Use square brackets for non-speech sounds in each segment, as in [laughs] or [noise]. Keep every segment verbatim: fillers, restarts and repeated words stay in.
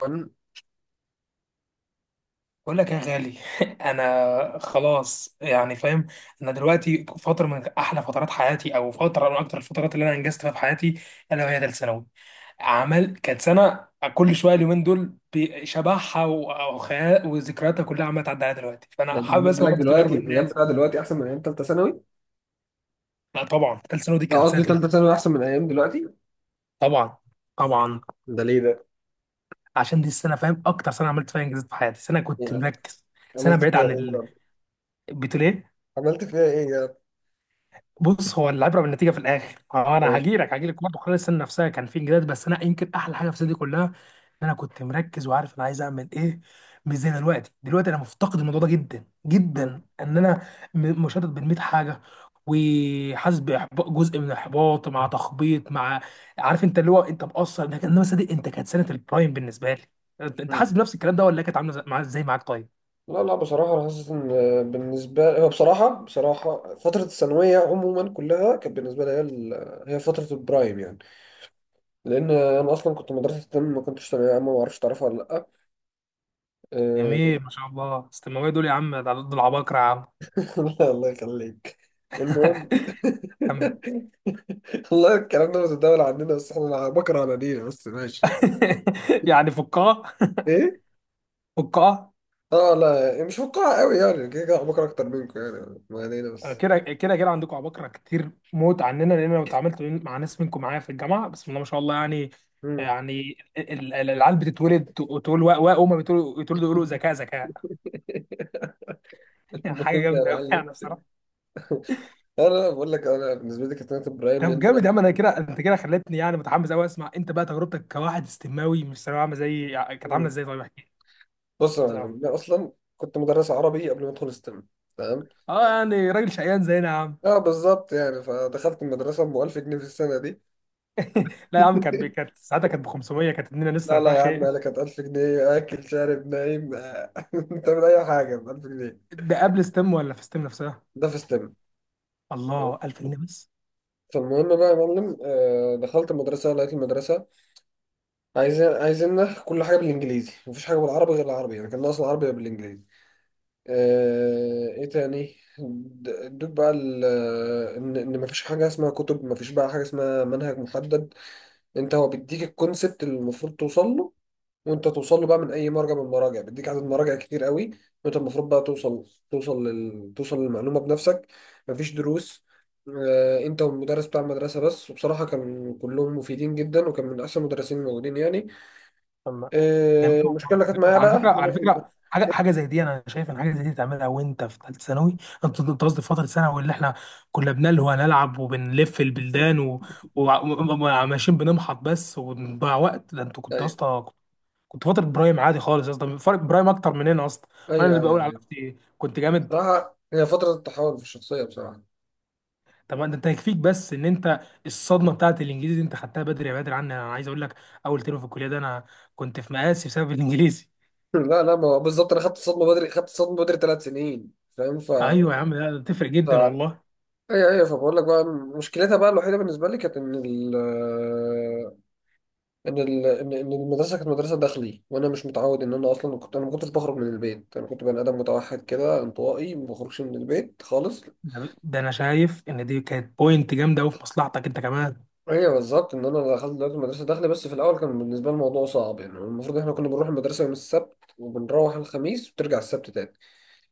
طبعاً. بقول لك يا غالي. [laughs] انا خلاص يعني فاهم. انا دلوقتي فتره من احلى فترات حياتي او فتره من اكتر الفترات اللي انا انجزت فيها في حياتي، الا وهي ثالث ثانوي. عمل كانت سنه. كل شويه اليومين دول بشبحها و- وخيا- وذكرياتها كلها عماله تعدي عليا دلوقتي، فانا يعني حابب بالنسبة اسمع لك برضه تجارب دلوقتي الأيام الناس. بتاع دلوقتي أحسن من أيام تالتة ثانوي؟ لا طبعا، ثالث ثانوي دي لا، كانت سنه قصدي الب- تالتة ثانوي أحسن من أيام دلوقتي؟ طبعا، طبعا. ده ليه ده؟ عشان دي السنه فاهم؟ اكتر سنه عملت فيها انجازات في حياتي، سنه كنت يعني مركز، سنه عملت بعيد فيها عن إيه يا رب؟ البتوليه. عملت فيها إيه يا رب؟ بص، هو العبره بالنتيجه في الاخر. اه، انا ماشي. هجيلك هجيلك برضه. خلال السنه نفسها كان في انجازات، بس انا يمكن احلى حاجه في السنه دي كلها ان انا كنت مركز وعارف انا عايز اعمل ايه. مش زي دلوقتي دلوقتي انا مفتقد الموضوع ده جدا مم. جدا، ان انا م- مشتت بين مية حاجه، وحاسس باحباط، جزء من الاحباط مع تخبيط، مع عارف انت، اللي هو انت مقصر انك انما صدق، انت كانت سنه البرايم بالنسبه لي. انت أنت مم. حاسس بنفس الكلام ده، ولا كانت عامله زي- معاك- ازاي معاك طيب؟ لا، لا، بصراحة أنا حاسس إن بالنسبة هو بصراحة بصراحة فترة الثانوية عموما كلها كانت بالنسبة لي هي ال- هي فترة البرايم، يعني لأن أنا أصلا كنت مدرسة تم، ما كنتش ثانوية عامة، ما أعرفش تعرفها ولا لأ؟ أه، جميل، ما شاء الله، استماويه دول يا عم، ده دول عباقرة يا عم. [laughs] الله يخليك. المهم. [laughs] كمل. [laughs] والله الكلام ده متداول عندنا، بس احنا بكره انانينا، بس ماشي يعني. [laughs] يعني فقاعة، ايه. فقاعة. اه، لا، يعني مش فقاعة قوي، يعني كده كده بكره اكتر منكم، يعني ما علينا بس. كده كده كده عندكم عباقرة كتير موت عننا، لأن أنا اتعاملت مع ناس منكم معايا في الجامعة، بسم الله ما شاء الله يعني. مم. يعني ال- ال- العيال بتتولد، تقول واء واء، هما بيتولدوا يتولدوا يقولوا ذكاء ذكاء. [laughs] [laughs] المهم حاجة يا جامدة أوي معلم، يعني بصراحة. انا بقول لك، انا بالنسبه لي كانت سنه ابراهيم، طب لان... جامد يا عم، أنا كده، أنت كده خلتني يعني متحمس أوي أسمع أنت بقى تجربتك كواحد استماوي، مش ثانوية عامة زي. كانت عاملة مم. إزاي؟ طيب احكي بص لي. يا بصراحة، معلم، انا اصلا كنت مدرس عربي قبل ما ادخل ستيم. تمام. اه، يعني راجل شقيان زينا يا عم. اه بالظبط، يعني فدخلت المدرسه ب ألف جنيه في السنه دي. لا يا عم، كانت ب- [laughs] كانت ساعتها كانت ب خمسمية، كانت الدنيا لا، لسه لا يا فاخي. عم، انا كانت ألف جنيه، اكل شارب نايم. [laughs] آه، تعمل اي حاجه ب ألف جنيه. ده قبل ستيم ولا في ستيم نفسها؟ ده في ستيم. الله، ألف جنيه بس؟ فالمهم بقى يا معلم، آه، دخلت المدرسة، لقيت المدرسة عايزين عايزيننا كل حاجة بالإنجليزي، مفيش حاجة بالعربي، غير العربي يعني كان ناقص العربي بالإنجليزي. آه، إيه تاني؟ د- ادوك بقى ال- إن إن مفيش حاجة اسمها كتب، مفيش بقى حاجة اسمها منهج محدد. أنت هو بيديك الكونسبت اللي المفروض توصل له، وانت توصل له بقى من اي مرجع، من المراجع بيديك عدد مراجع كتير قوي، وانت المفروض بقى توصل، توصل لل... توصل للمعلومه بنفسك. مفيش دروس. آه، انت والمدرس بتاع المدرسه بس، وبصراحه كان كلهم مفيدين جدا، وكان من احسن المدرسين الموجودين يعني. طب ما، جميل آه، المشكله والله. اللي كانت معايا ده على بقى فكره، إن على فكره، إحنا- حاجه، حاجه زي دي انا شايف ان حاجه زي دي تعملها وانت في ثالثه ثانوي. انت أنت قصدي في فتره ثانوي، اللي احنا كنا بنلهو نلعب وبنلف البلدان و- وع- وماشيين بنمحط بس وبنضيع وقت، ده انت كنت يا ايوه، اسطى، كنت فتره برايم عادي خالص يا اسطى، فرق برايم اكتر مننا اصلا. وانا ايوه، اللي بقول ايوه، على أيوة. نفسي كنت جامد. بصراحه هي فتره التحول في الشخصيه، بصراحه. طب ما انت يكفيك بس ان انت، الصدمه بتاعت الانجليزي دي انت خدتها بدري، يا بدري عني، انا عايز اقول لك، اول ترم في الكليه ده انا كنت في مقاسي بسبب الانجليزي. [laughs] لا، لا، ما هو بالظبط انا خدت الصدمه بدري، خدت الصدمه بدري ثلاث سنين، فاهم؟ ف... ايوه يا عم، لا ده تفرق ف... جدا والله. ايوه، ايوه، فبقول لك بقى، مشكلتها بقى الوحيده بالنسبه لي كانت ان ال ان ال ان إن المدرسه كانت مدرسه داخلي، وانا مش متعود ان انا، اصلا كنت انا ما كنتش بخرج من البيت، انا كنت بني ادم متوحد كده، انطوائي، ما بخرجش من البيت خالص. ده, ده انا شايف ان دي كانت بوينت جامده قوي في مصلحتك انت كمان. ايوه بالظبط، ان انا دخلت دلوقتي مدرسه داخلي، بس في الاول كان بالنسبه لي الموضوع صعب يعني. المفروض احنا كنا بنروح المدرسه يوم السبت، وبنروح الخميس وبترجع السبت تاني.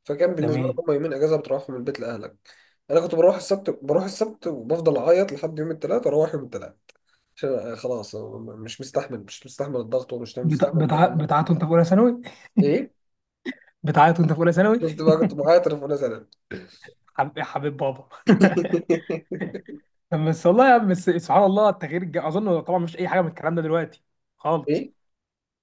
فكان بالنسبه لك جميل. هما يومين اجازه بتروحهم من البيت لاهلك. انا كنت بروح السبت، بروح السبت وبفضل اعيط لحد يوم الثلاث، اروح يوم الثلاث، عشان خلاص أنا م- مش مستحمل، مش مستحمل الضغط ومش بتع... مستحمل بتع... الكلام ده. بتعيط وانت في اولى ثانوي؟ ايه. بتعيط وانت في اولى ثانوي؟ شفت بقى، كنت معايا تليفون سنة. حبيب حبيب بابا. [laughs] [laughs] بس والله يا عم، بس سبحان الله التغيير الج... اظن طبعا مفيش اي حاجه من الكلام ده دلوقتي خالص. ايه.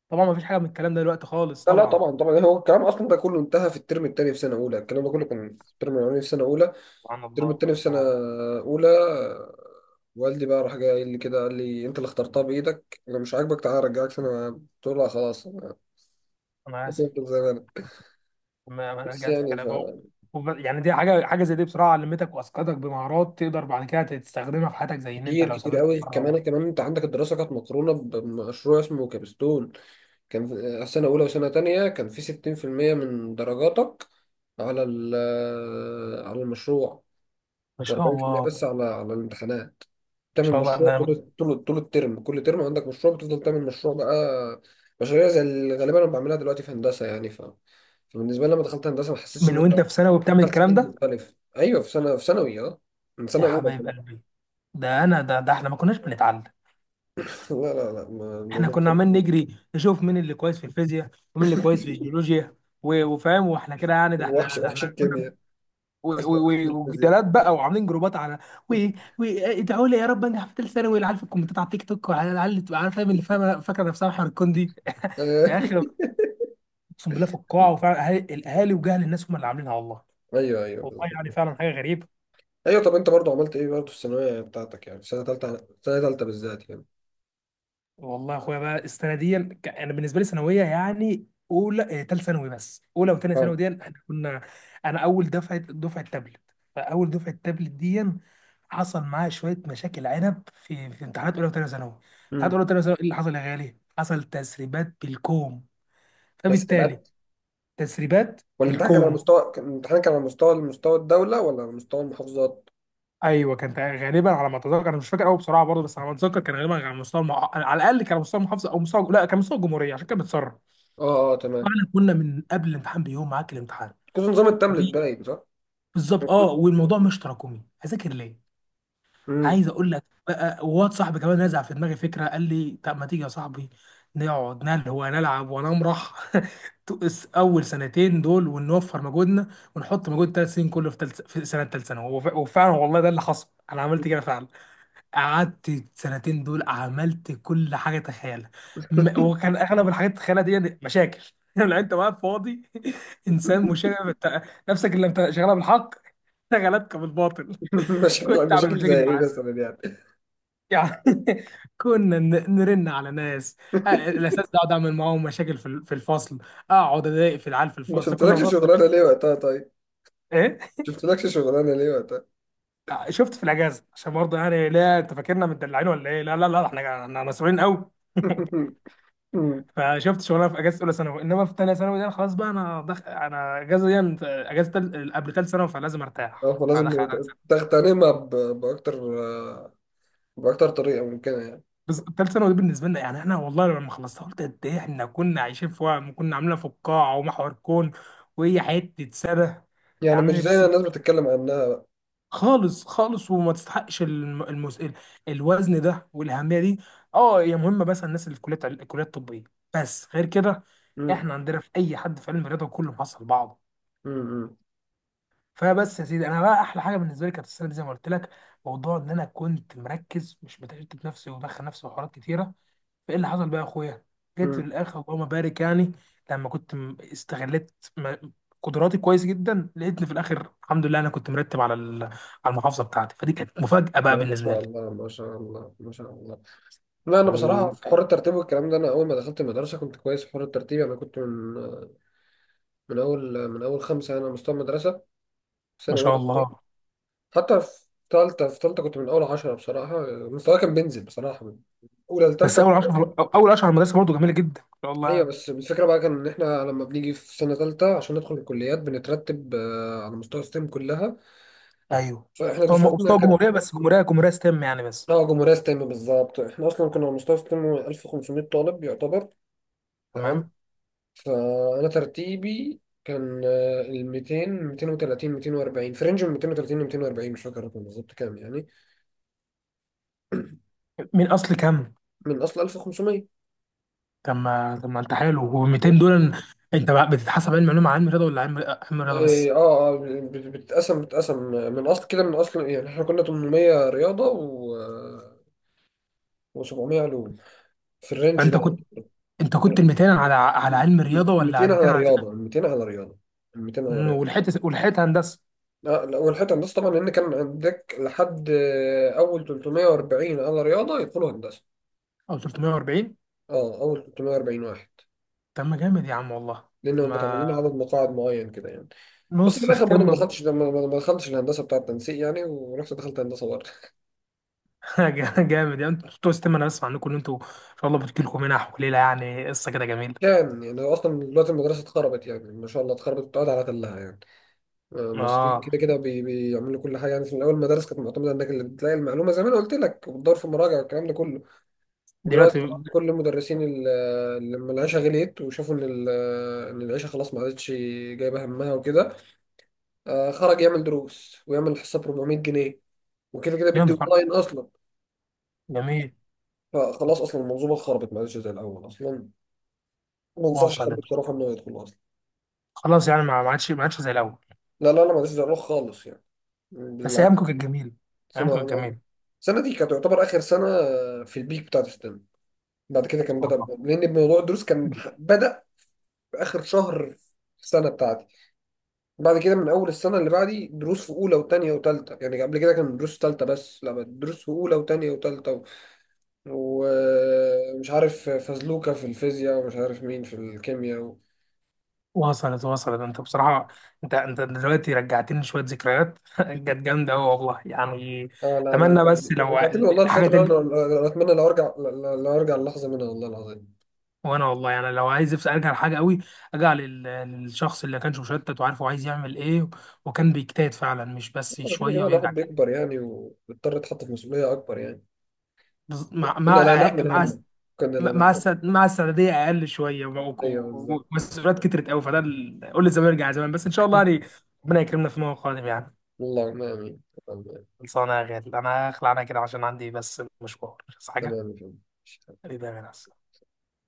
طبعا مفيش حاجه من الكلام ده دلوقتي خالص، لا، لا، طبعا. طبعا، طبعا، هو الكلام اصلا ده كله انتهى في الترم الثاني في سنه اولى. الكلام ده كله كان في الترم الاولاني في سنه اولى. سبحان الترم الله، الثاني في سبحان سنه الله. اولى، والدي بقى راح جاي قايل لي كده، قال لي انت اللي اخترتها بايدك، لو مش عاجبك تعالى ارجعك سنه، قلت له لا خلاص، أنا انا اسف، هتفضل زي ما انا، ما ما انا بس رجعت في يعني... كلامي اهو. وب- يعني دي حاجه، حاجه زي دي بصراحه علمتك واسقطك بمهارات تقدر بعد كده تستخدمها في حياتك، زي ان انت فكتير، لو كتير سافرت قوي، كمان بره. كمان انت عندك الدراسه كانت مقرونه بمشروع اسمه كابستون. كان في سنة أولى وسنة تانية كان في ستين في المية من درجاتك على ال- آه، على المشروع، ما شاء وأربعين في المية الله، ما بس على على الامتحانات. تعمل شاء الله، ده مشروع أنا، طول طول طول الترم، كل ترم عندك مشروع، بتفضل تعمل مشروع بقى، مشاريع زي اللي غالبا أنا بعملها دلوقتي في هندسة، يعني ف... فبالنسبة لي لما دخلت هندسة ما حسيتش إن من أنا وانت في ثانوي بتعمل دخلت الكلام جيل ده؟ مختلف. أيوه، في سنة في ثانوي، أه، من يا سنة أولى حبايب كمان. قلبي. ده انا، ده, ده احنا ما كناش بنتعلم. [laughs] لا، لا، لا، ما- احنا الموضوع كنا بصراحة عمال نجري نشوف مين اللي كويس في الفيزياء ومين اللي كويس في الجيولوجيا و- وفاهم، واحنا كده يعني، ده وحش، احنا، ده وحش احنا كنا الكيمياء، و- و- [laughs] و- الفيزياء. وجدالات بقى وعاملين جروبات على، وادعوا لي يا رب انجح في ثالث ثانوي، العيال في الكومنتات على التيك توك، وعلى العيال اللي تبقى عارف- فاهم، اللي فاهمه فاكره نفسها محور الكون دي. [laughs] يا اخي، [laughs] اقسم بالله في القاعه، وفعلا أهالي- الاهالي وجهل الناس هم اللي عاملينها والله. أيوه، أيوه، والله يعني فعلا حاجه غريبه. ايوه. طب انت برضو عملت ايه برضو في الثانويه بتاعتك، يعني سنه ثالثه، سنه ثالثه بالذات يعني؟ والله يا اخويا بقى، السنه دي ك- انا بالنسبه لي ثانويه، يعني اولى، ثالث تالت ثانوي، بس اولى وثانيه اه. ثانوي دي احنا كنا، انا اول دفعه دفعه تابلت. فاول دفعه تابلت دي حصل معايا شويه مشاكل عنب، في في امتحانات اولى وثانيه ثانوي. امتحانات امم اولى وثانيه ثانوي، ايه اللي حصل يا غالي؟ حصل تسريبات بالكوم، فبالتالي، تسليمات؟ تسريبات والامتحان كان على بالكوم. مستوى، كان- الامتحان كان على مستوى مستوى الدوله، ولا على مستوى المحافظات؟ ايوه، كان تق- غالبا على ما اتذكر، انا مش فاكر قوي بصراحه برضه، بس على ما اتذكر كان غالبا على مستوى المح... على الاقل كان على مستوى المحافظه، او مستوى، لا، كان مستوى الجمهوريه، عشان كان بتسرب. اه، اه، تمام. فاحنا كنا من قبل الامتحان بيوم معاك الامتحان كنت نظام التابلت وبي- باين، صح؟ بالظبط، اه، والموضوع مش تراكمي، اذاكر ليه؟ امم. عايز اقول لك بقى، واد صاحبي كمان نزع في دماغي فكره، قال لي طب ما تيجي يا صاحبي نقعد نل هو نلعب ونمرح. [laughs] اول سنتين دول ونوفر مجهودنا، ونحط مجهود ثلاث سنين كله في تلت، في سنه ثالث ثانوي، وف- وفعلا والله ده اللي حصل، انا عملت كده فعلا. قعدت السنتين دول عملت كل حاجه تخيلها، م- وكان اغلب الحاجات تخيلها دي مشاكل. [laughs] لو انت واقف فاضي، [laughs] انسان مشاغب، انت- نفسك اللي انت شغاله بالحق شغلتك بالباطل. [laughs] [laughs] مشاكل، كنت اعمل مشاكل زي مشاكل مع ايه ناس مثلا يعني؟ يعني. [laughs] كنا ن- نرن على ناس. آه، [laughs] الاساس ده اقعد اعمل معاهم مشاكل في ال- في الفصل، اقعد اضايق في العيال في ما الفصل، كنا في شفتلكش فصل شغلانه ميكس. ليه وقتها طيب؟ ايه؟ شفتلكش شغلانه ليه وقتها؟ آه، شفت في الاجازه، عشان برضه يعني لا انت فاكرنا متدلعين ولا ايه، لا لا لا، احنا، إحنا مسؤولين قوي. [laughs] [laughs] أمم. فشفت شغلها في اجازه اولى ثانوي، انما في ثانيه ثانوي ده خلاص بقى، انا دخ... انا اجازه دي اجازه تل... قبل ثالث ثانوي، فلازم اه، ارتاح، فدخل فلازم على ثالث ثانوي. تغتنمها ب- باكتر باكتر طريقه ممكنه يعني. بس ثالث ثانوي دي بالنسبه لنا يعني احنا، والله لما خلصتها قلت قد ايه احنا كنا عايشين في وهم، وكنا عاملينها في القاعه ومحور كون، وهي حته سنه يعني مش يعني. زي بس, ما الناس بس بتتكلم عنها، خالص خالص، وما تستحقش الم... المس... ال- الوزن ده والاهميه دي. اه، هي مهمه مثلا الناس اللي في كليات، الكليات الطبيه، بس غير كده بقى. احنا عندنا في اي حد في علم الرياضه كله حصل بعضه. امم، فبس يا سيدي، انا بقى احلى حاجه بالنسبه لي كانت السنه دي زي ما قلت لك، موضوع ان انا كنت مركز، مش بتشتت نفسي وبدخل نفسي في حوارات كتيره. فايه اللي حصل بقى يا اخويا؟ جيت في امم. الاخر اللهم بارك يعني، لما كنت م- استغلت م- قدراتي كويس جدا، لقيتني في الاخر الحمد لله انا كنت مرتب على ال- على المحافظه بتاعتي، فدي كانت مفاجاه بقى لا، ما بالنسبه شاء لي. الله، ما شاء الله، ما شاء الله. لا، انا بصراحه يعني في حوار الترتيب والكلام ده، انا اول ما دخلت المدرسه كنت كويس في حوار الترتيب، انا كنت من من اول من اول خمسه انا، مستوى المدرسه، في ما سنه اولى شاء ابتدائي. الله. حتى في ثالثه، في ثالثه كنت من اول عشرة بصراحه. مستواي كان بينزل بصراحه من اولى بس لثالثه. اول عشرة في- أو- اول عشرة على المدرسه برضه جميله جدا، ما شاء الله ايوه، يعني. بس الفكره بقى كان ان احنا لما بنيجي في سنه ثالثه عشان ندخل الكليات، بنترتب، آه، على مستوى ستيم كلها. ايوه. فاحنا مستوى دفعتنا مستوى كانت، جمهوريه، بس جمهوريه جمهوريه ستيم يعني بس. اه، جمهوريه ستيم بالظبط، احنا اصلا كنا على مستوى ستيم ألف وخمسمائة طالب يعتبر. تمام. تمام. فانا ترتيبي كان آه، ال ميتين مئتين وثلاثين ميتين واربعين، في رينج من مئتين وثلاثين ل ميتين واربعين، مش فاكر الرقم بالظبط كام يعني، من اصل كم؟ من اصل ألف وخمسمائة. طب ما طب ما انت حلو، هو ميتين دول انت بقى بتتحسب علم علوم على علم رياضه، ولا علم، علم رياضه اه، بس؟ اه، آه، بت- بتتقسم بتتقسم من اصل كده من اصل يعني، احنا كنا تمنمية رياضه و و700 علوم في الرينج فانت ده كنت انت كنت يعني. ميتين على على علم رياضه، ولا ميتين على ميتين على على، رياضه، ميتين على رياضه، ميتين على مم، رياضه. ولحقت، ولحقت هندسه؟ لا، لا، والحته هندسه طبعا، لان كان عندك لحد آه، اول تلتمية واربعين على رياضه يدخلوا هندسه. او ثلاثمائة وأربعين؟ اه، اول ثلاثمائة وأربعين واحد، طب ما جامد يا عم والله. طب لانهم بتعمل لنا عدد ما مقاعد معين كده يعني. بس في نص الاخر برضه ما ستيم. دخلتش ما ما- ما دخلتش الهندسه بتاع التنسيق يعني، ورحت دخلت هندسه برضه. [laughs] جامد يعني انتوا بتوع ستيم، انا بسمع عنكم ان انتوا ان شاء الله بتجيلكم منح وليله يعني، قصه كده جميله. كان يعني، اصلا دلوقتي المدرسه اتخربت يعني، ما شاء الله، اتخربت واتقعد على تلها يعني. آه، المصريين اه، كده كده بي- بيعملوا كل حاجه يعني. في الاول المدارس كانت معتمده انك اللي بتلاقي المعلومه زي ما انا قلت لك، وبتدور في المراجع والكلام ده كله. دلوقتي. دلوقتي طبعاً كل المدرسين ال- اللي لما العيشه غليت، وشافوا ان ال- ان العيشه خلاص ما عادتش جايبه همها وكده، آه، خرج يعمل دروس، ويعمل حصه ب أربعمائة جنيه، وكده كده يا بيدي نهار، اونلاين اصلا. جميل. فخلاص اصلا المنظومه خربت، ما عادش زي الاول اصلا، ما انصحش حد وصلت. بصراحه انه يدخل اصلا. خلاص يعني، ما ما عادش ما عادش زي الاول. لا، لا، لا، ما عادش زي الاول خالص يعني، بس بالعكس. ايامكم كانت جميله. السنه ايامكم أنا- كانت السنه دي كانت تعتبر اخر سنه، آه، في البيك بتاعت السنه. بعد كده كان بدا، جميله. لان موضوع الدروس كان بدا في اخر شهر في السنه بتاعتي. بعد كده من اول السنه اللي بعدي دروس في اولى وثانيه وثالثه يعني. قبل كده كان دروس ثالثه بس، لا بقت دروس في اولى وثانيه وثالثه و- ومش عارف فزلوكه في الفيزياء، ومش عارف مين في الكيمياء. وصلت، وصلت انت بصراحة، انت انت دلوقتي رجعتني شوية ذكريات. [laughs] كانت جامدة أوي والله يعني. اه، لا، لا، اتمنى بس رج- لو رجعت لي والله الحاجة الفترة ترجع. اللي انا اللي أنا اتمنى لو ارجع، لو ارجع اللحظة منها، والله العظيم. وانا والله يعني لو عايز أفس- ارجع لحاجة أوي، ارجع لل- للشخص اللي كانش مشتت وعارف هو عايز يعمل ايه، وكان بيجتهد فعلا مش بس آه، كده شوية كده الواحد ويرجع تاني. بيكبر يعني، وبيضطر يتحط في مسؤولية اكبر يعني. بز- مع كنا مع لا نحمل مع هم، كنا لا مع نحمل السعد- مع السعدية اقل شوية، ومسؤوليات و... ايوه، و... بالظبط. ومسؤوليات كترت أوي، فده ال- قول لي زمان ارجع زمان، بس ان شاء الله يعني ربنا يكرمنا فيما هو قادم يعني. اللهم امين. اللهم آمين. خلصانة يا غالي، أنا هخلع أنا كده عشان عندي بس مشوار، بس تمام حاجة. يا فندم. حبيبي يا غالي.